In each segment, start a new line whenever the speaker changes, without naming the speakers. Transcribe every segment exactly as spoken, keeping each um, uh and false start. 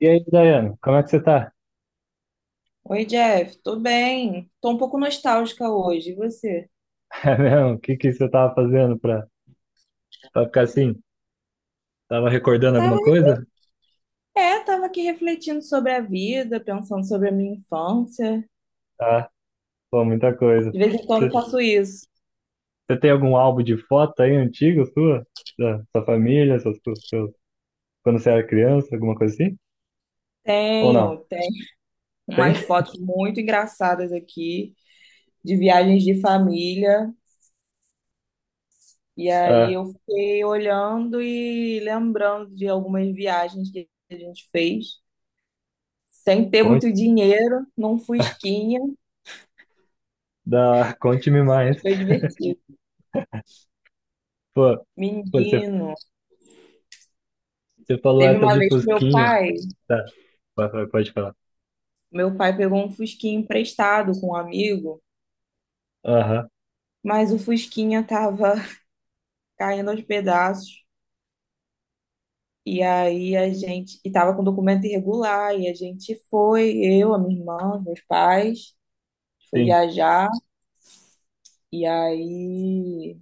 E aí, Daiane, como é que você tá?
Oi, Jeff, tô bem. Tô um pouco nostálgica hoje. E você?
É mesmo? O que que você tava fazendo pra, pra ficar assim? Tava recordando alguma
Tava,
coisa?
é, tava aqui refletindo sobre a vida, pensando sobre a minha infância.
Ah, pô, muita coisa.
De vez em quando eu
Você,
faço isso.
você tem algum álbum de foto aí antigo sua? Da sua família, seus, seus, quando você era criança, alguma coisa assim? Ou não?
Tenho, tenho
Tem?
umas fotos muito engraçadas aqui de viagens de família. E aí
Ah,
eu fiquei olhando e lembrando de algumas viagens que a gente fez. Sem ter
conte,
muito dinheiro, num fusquinha,
da, conte-me
mas
mais.
foi divertido.
Pô, pô, você,
Menino,
você falou
teve
essa
uma
de
vez que meu
Fusquinha.
pai
Tá, pode, pode pode falar.
meu pai pegou um fusquinha emprestado com um amigo,
Aham,
mas o fusquinha tava caindo aos pedaços. E aí a gente, e tava com documento irregular, e a gente foi, eu, a minha irmã, meus pais, foi
sim.
viajar, e aí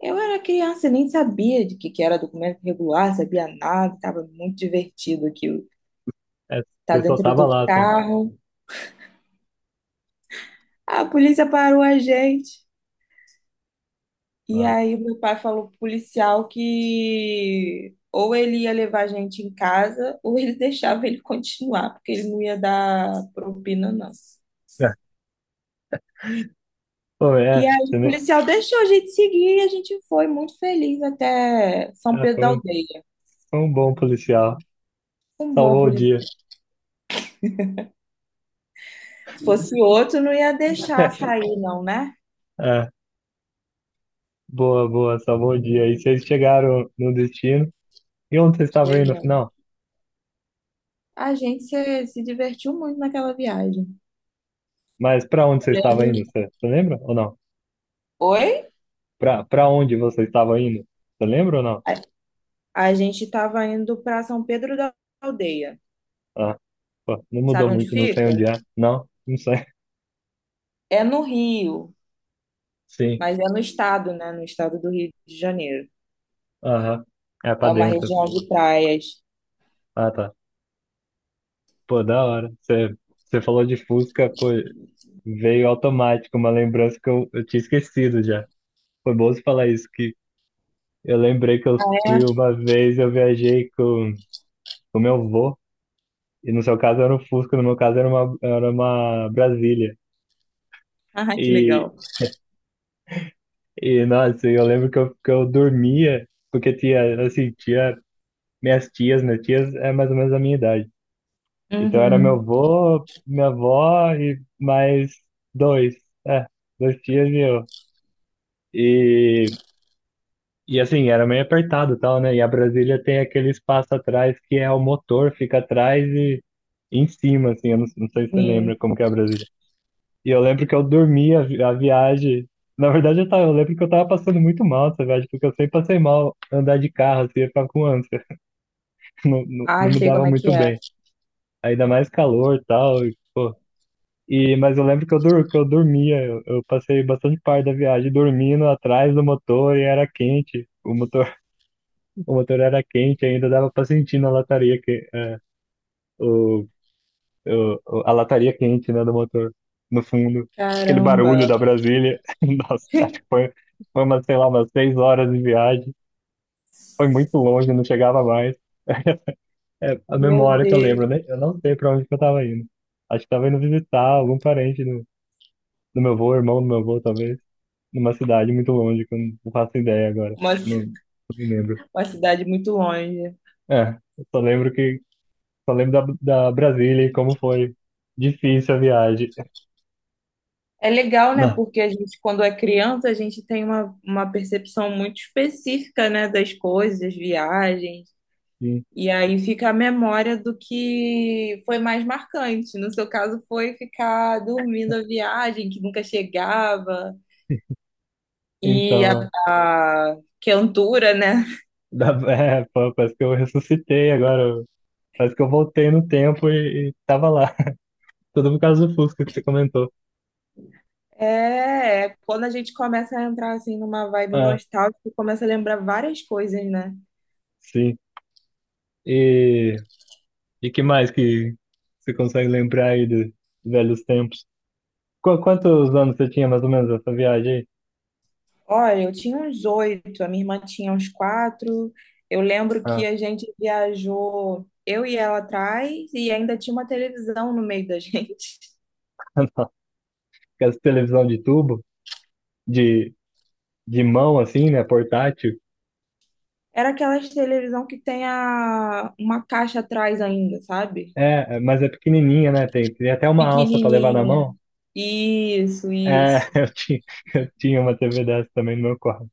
eu era criança, nem sabia de que que era documento irregular, sabia nada, tava muito divertido aquilo.
É,
Tá
você só
dentro
tava
do
lá, só.
carro, a polícia parou a gente. E
Nossa.
aí meu pai falou pro policial que ou ele ia levar a gente em casa ou ele deixava ele continuar, porque ele não ia dar propina, não.
É, pô,
E
é,
aí
você,
o
me-
policial deixou a gente seguir e a gente foi muito feliz até São
ah,
Pedro
foi
da
um
Aldeia.
um bom policial.
Um bom
Salvou o
policial.
dia.
Se fosse outro, não ia deixar sair, não, né?
É, boa, boa, salvou o dia. E vocês chegaram no destino. E onde vocês estavam indo no
Chegando.
final?
A gente se, se divertiu muito naquela viagem.
Mas pra onde vocês
Eu
estavam indo?
lembro.
Você você lembra ou não?
Oi?
Pra, pra onde vocês estavam indo? Você lembra ou não?
A, a gente estava indo para São Pedro da Aldeia.
Ah, pô, não mudou
Sabe onde
muito, não sei onde
fica?
é. Não, não sei.
É no Rio,
Sim,
mas é no estado, né? No estado do Rio de Janeiro.
aham. É pra
É uma
dentro.
região de praias.
Ah, tá. Pô, da hora. Você, você falou de Fusca. Pô, veio automático uma lembrança que eu, eu tinha esquecido já. Foi bom você falar isso. que Eu lembrei que, eu- que uma vez eu viajei com o meu avô, e no seu caso era um Fusca, no meu caso era uma, era uma Brasília.
Ah, que
E,
legal.
e nossa, eu lembro que eu, que eu dormia, porque tinha, assim, tinha minhas tias, minhas tias é mais ou menos a minha idade. Então era meu
Uhum,
avô, minha avó e mais dois, é, dois tias e eu. E assim, era meio apertado e tal, né? E a Brasília tem aquele espaço atrás que é o motor, fica atrás e em cima, assim. Eu não, não sei se você lembra
sim.
como que é a Brasília. E eu lembro que eu dormi a, vi- a viagem. Na verdade, eu, tava, eu lembro que eu tava passando muito mal essa viagem, porque eu sempre passei mal andar de carro, assim, eu ficava com ânsia. Não, não, não
Ai,
me
sei
dava
como é
muito
que é.
bem. Ainda mais calor e tal, e, pô. E, mas eu lembro que eu, dur, que eu dormia, eu, eu passei bastante parte da viagem dormindo atrás do motor e era quente. O motor O motor era quente ainda, dava pra sentir na lataria que, é, o, o, o- a lataria quente, né, do motor no fundo. Aquele
Caramba,
barulho da Brasília. Nossa, acho que foi, foi umas, sei lá, umas seis horas de viagem. Foi muito longe, não chegava mais. É a
meu
memória que eu lembro,
Deus.
né? Eu não sei pra onde que eu tava indo. Acho que tava indo visitar algum parente do, do meu avô, irmão do meu avô, talvez, numa cidade muito longe, que eu não faço ideia agora.
Uma,
Não,
ci-
não me lembro.
uma cidade muito longe.
É, eu só lembro que só lembro da, da Brasília e como foi difícil a viagem.
É legal, né?
Não.
Porque a gente, quando é criança, a gente tem uma, uma percepção muito específica, né? Das coisas, viagens.
Sim.
E aí fica a memória do que foi mais marcante. No seu caso, foi ficar dormindo a viagem, que nunca chegava, e a,
Então, é,
a quentura, né?
da- é, pô, parece que eu ressuscitei agora. eu- Parece que eu voltei no tempo e, e tava lá. Tudo por causa do Fusca que você comentou.
É, é quando a gente começa a entrar assim numa vibe
Ah,
nostálgica, começa a lembrar várias coisas, né?
sim. E, e que mais que você consegue lembrar aí dos velhos tempos? Qu- quantos anos você tinha mais ou menos essa viagem aí?
Olha, eu tinha uns oito, a minha irmã tinha uns quatro. Eu lembro que
Ah,
a gente viajou, eu e ela atrás, e ainda tinha uma televisão no meio da gente.
nossa, aquela televisão de tubo, de, de mão assim, né? Portátil.
Era aquelas televisão que tem a, uma caixa atrás ainda, sabe?
É, mas é pequenininha, né? Tem, tem até uma alça para levar na mão.
Pequenininha. Isso,
É,
isso.
eu tinha, eu tinha uma T V dessa também no meu quarto.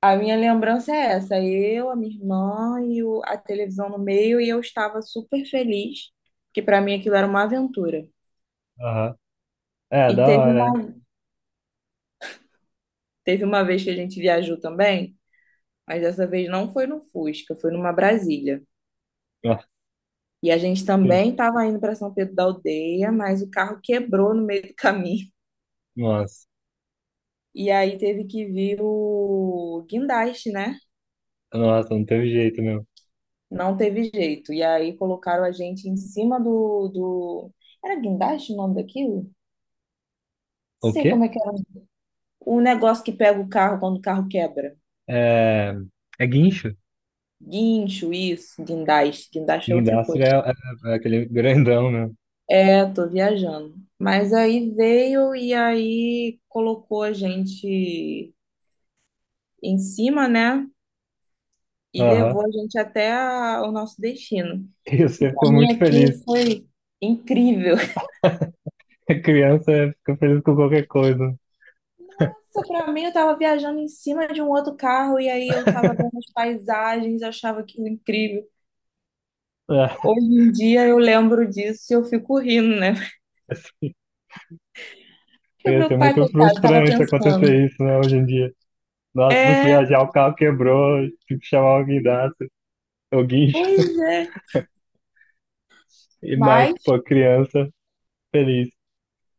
A minha lembrança é essa. Eu, a minha irmã e o- a televisão no meio, e eu estava super feliz, porque para mim aquilo era uma aventura.
Aham. É,
E
da
teve
hora.
uma, teve uma vez que a gente viajou também, mas dessa vez não foi no Fusca, foi numa Brasília.
É. Nossa,
E a gente
que-
também estava indo para São Pedro da Aldeia, mas o carro quebrou no meio do caminho.
nossa,
E aí teve que vir o guindaste, né?
nossa, não teve jeito mesmo.
Não teve jeito. E aí colocaram a gente em cima do, do... Era guindaste o nome daquilo? Não
O
sei
quê?
como é que era. O negócio que pega o carro quando o carro quebra.
É, é guincho.
Guincho, isso, guindaste. Guindaste é outra
Guindastro
coisa.
é, é- é aquele grandão mesmo.
É, tô viajando. Mas aí veio e aí colocou a gente em cima, né? E
Aham.
levou a gente até a- o nosso destino.
E
E
você
pra
ficou
mim
muito
aquilo
feliz.
foi incrível.
A criança fica feliz com qualquer coisa.
Nossa, pra mim, eu tava viajando em cima de um outro carro e aí eu tava vendo as paisagens, eu achava aquilo incrível.
É,
Hoje em dia eu lembro disso e eu fico rindo, né?
assim,
Porque o
ia ser
meu pai,
muito
coitado, tava
frustrante
pensando.
acontecer isso, né, hoje em dia. Nossa, por
É,
viajar o carro quebrou, tive que chamar o guindaste, o guincho,
pois é.
e Mike,
Mas
pô, criança, feliz.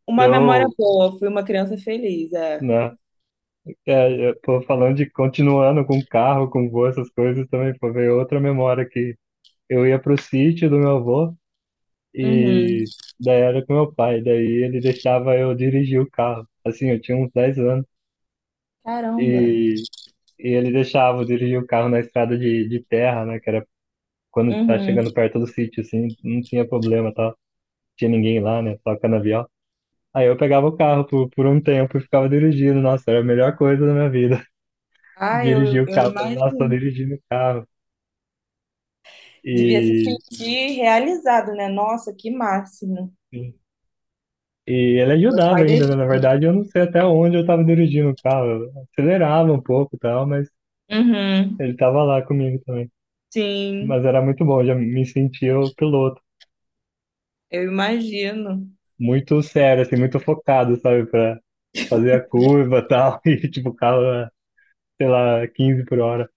uma memória
Eu,
boa, fui uma criança feliz, é.
né, é, eu, pô, falando de, continuando com carro, com voo, essas coisas também, pô, veio outra memória que eu ia pro sítio do meu avô
Uhum.
e daí era com meu pai, daí ele deixava eu dirigir o carro, assim, eu tinha uns dez anos,
Caramba.
e, e ele deixava eu dirigir o carro na estrada de, de terra, né, que era quando tá
Uhum.
chegando perto do sítio, assim, não tinha problema, tá? Tinha ninguém lá, né? Só canavial. Aí eu pegava o carro por, por um tempo e ficava dirigindo. Nossa, era a melhor coisa da minha vida.
Ah, eu,
Dirigir
eu,
o
eu
carro. Falei, nossa, tô
imagino.
dirigindo o carro.
Devia se
E,
sentir realizado, né? Nossa, que máximo.
e ele
Meu
ajudava
pai
ainda, né?
deixou.
Na verdade, eu não sei até onde eu tava dirigindo o carro. Eu acelerava um pouco e tal, mas
Uhum.
ele tava lá comigo também.
Sim,
Mas era muito bom, já me sentia o piloto.
eu imagino.
Muito sério, assim, muito focado, sabe? Pra fazer a curva e tal. E tipo, o carro, sei lá, quinze por hora.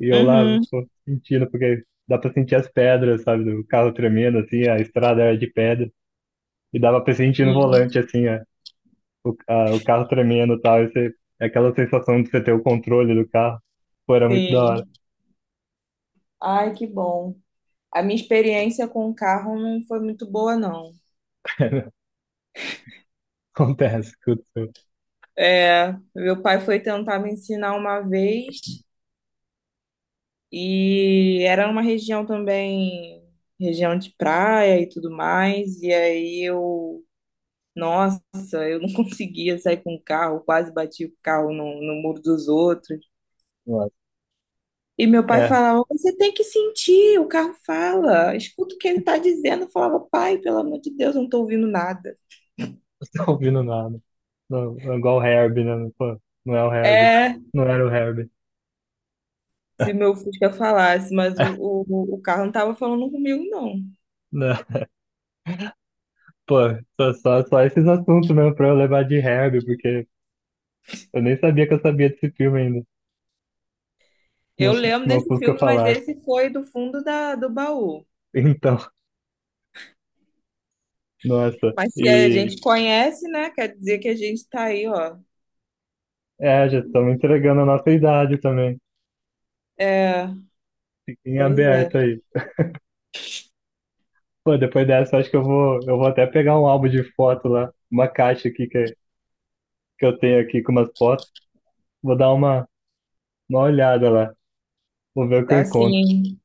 E eu lá,
Uhum.
pô, sentindo, porque dá pra sentir as pedras, sabe, do carro tremendo, assim, a estrada era de pedra, e dava pra sentir no
Sim.
volante, assim, a, o, a- o carro tremendo e tal, e você, é aquela sensação de você ter o controle do carro, pô, era muito da hora.
Sim. Ai, que bom. A minha experiência com o carro não foi muito boa, não.
Acontece, aconteceu.
É, meu pai foi tentar me ensinar uma vez e era uma região também, região de praia e tudo mais. E aí eu, nossa, eu não conseguia sair com o carro, quase bati o carro no, no muro dos outros.
Nossa.
E meu pai
É,
falava: você tem que sentir, o carro fala, escuta o que ele tá dizendo. Eu falava: pai, pelo amor de Deus, eu não tô ouvindo nada.
não tô ouvindo nada. Não, é igual o Herbie, né? Pô, não é o Herbie.
É.
Não era o Herbie.
Se meu Fusca falasse, mas o, o, o carro não estava falando comigo, não.
Não, pô, só, só, só esses assuntos mesmo pra eu levar de Herbie, porque eu nem sabia que eu sabia desse filme ainda.
Eu
Mus-
lembro
uma
desse
música
filme, mas
falasse.
esse foi do fundo da, do baú.
Então, nossa.
Mas se a
E
gente conhece, né? Quer dizer que a gente tá aí, ó.
é, já estamos entregando a nossa idade também.
É,
Fica em
pois é.
aberto aí. Pô, depois dessa, acho que eu vou, eu vou até pegar um álbum de foto lá, uma caixa aqui que, que eu tenho aqui com umas fotos. Vou dar uma, uma olhada lá. Vou ver o que eu encontro.
Assim,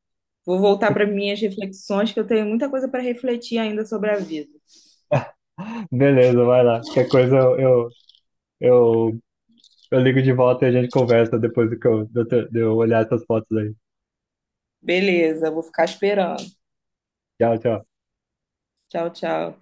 vou voltar para minhas reflexões, que eu tenho muita coisa para refletir ainda sobre a vida.
Beleza, vai lá. Qualquer coisa eu, eu, eu, eu ligo de volta e a gente conversa depois do que eu, de eu de eu olhar essas fotos aí.
Beleza, vou ficar esperando.
Tchau, tchau.
Tchau, tchau.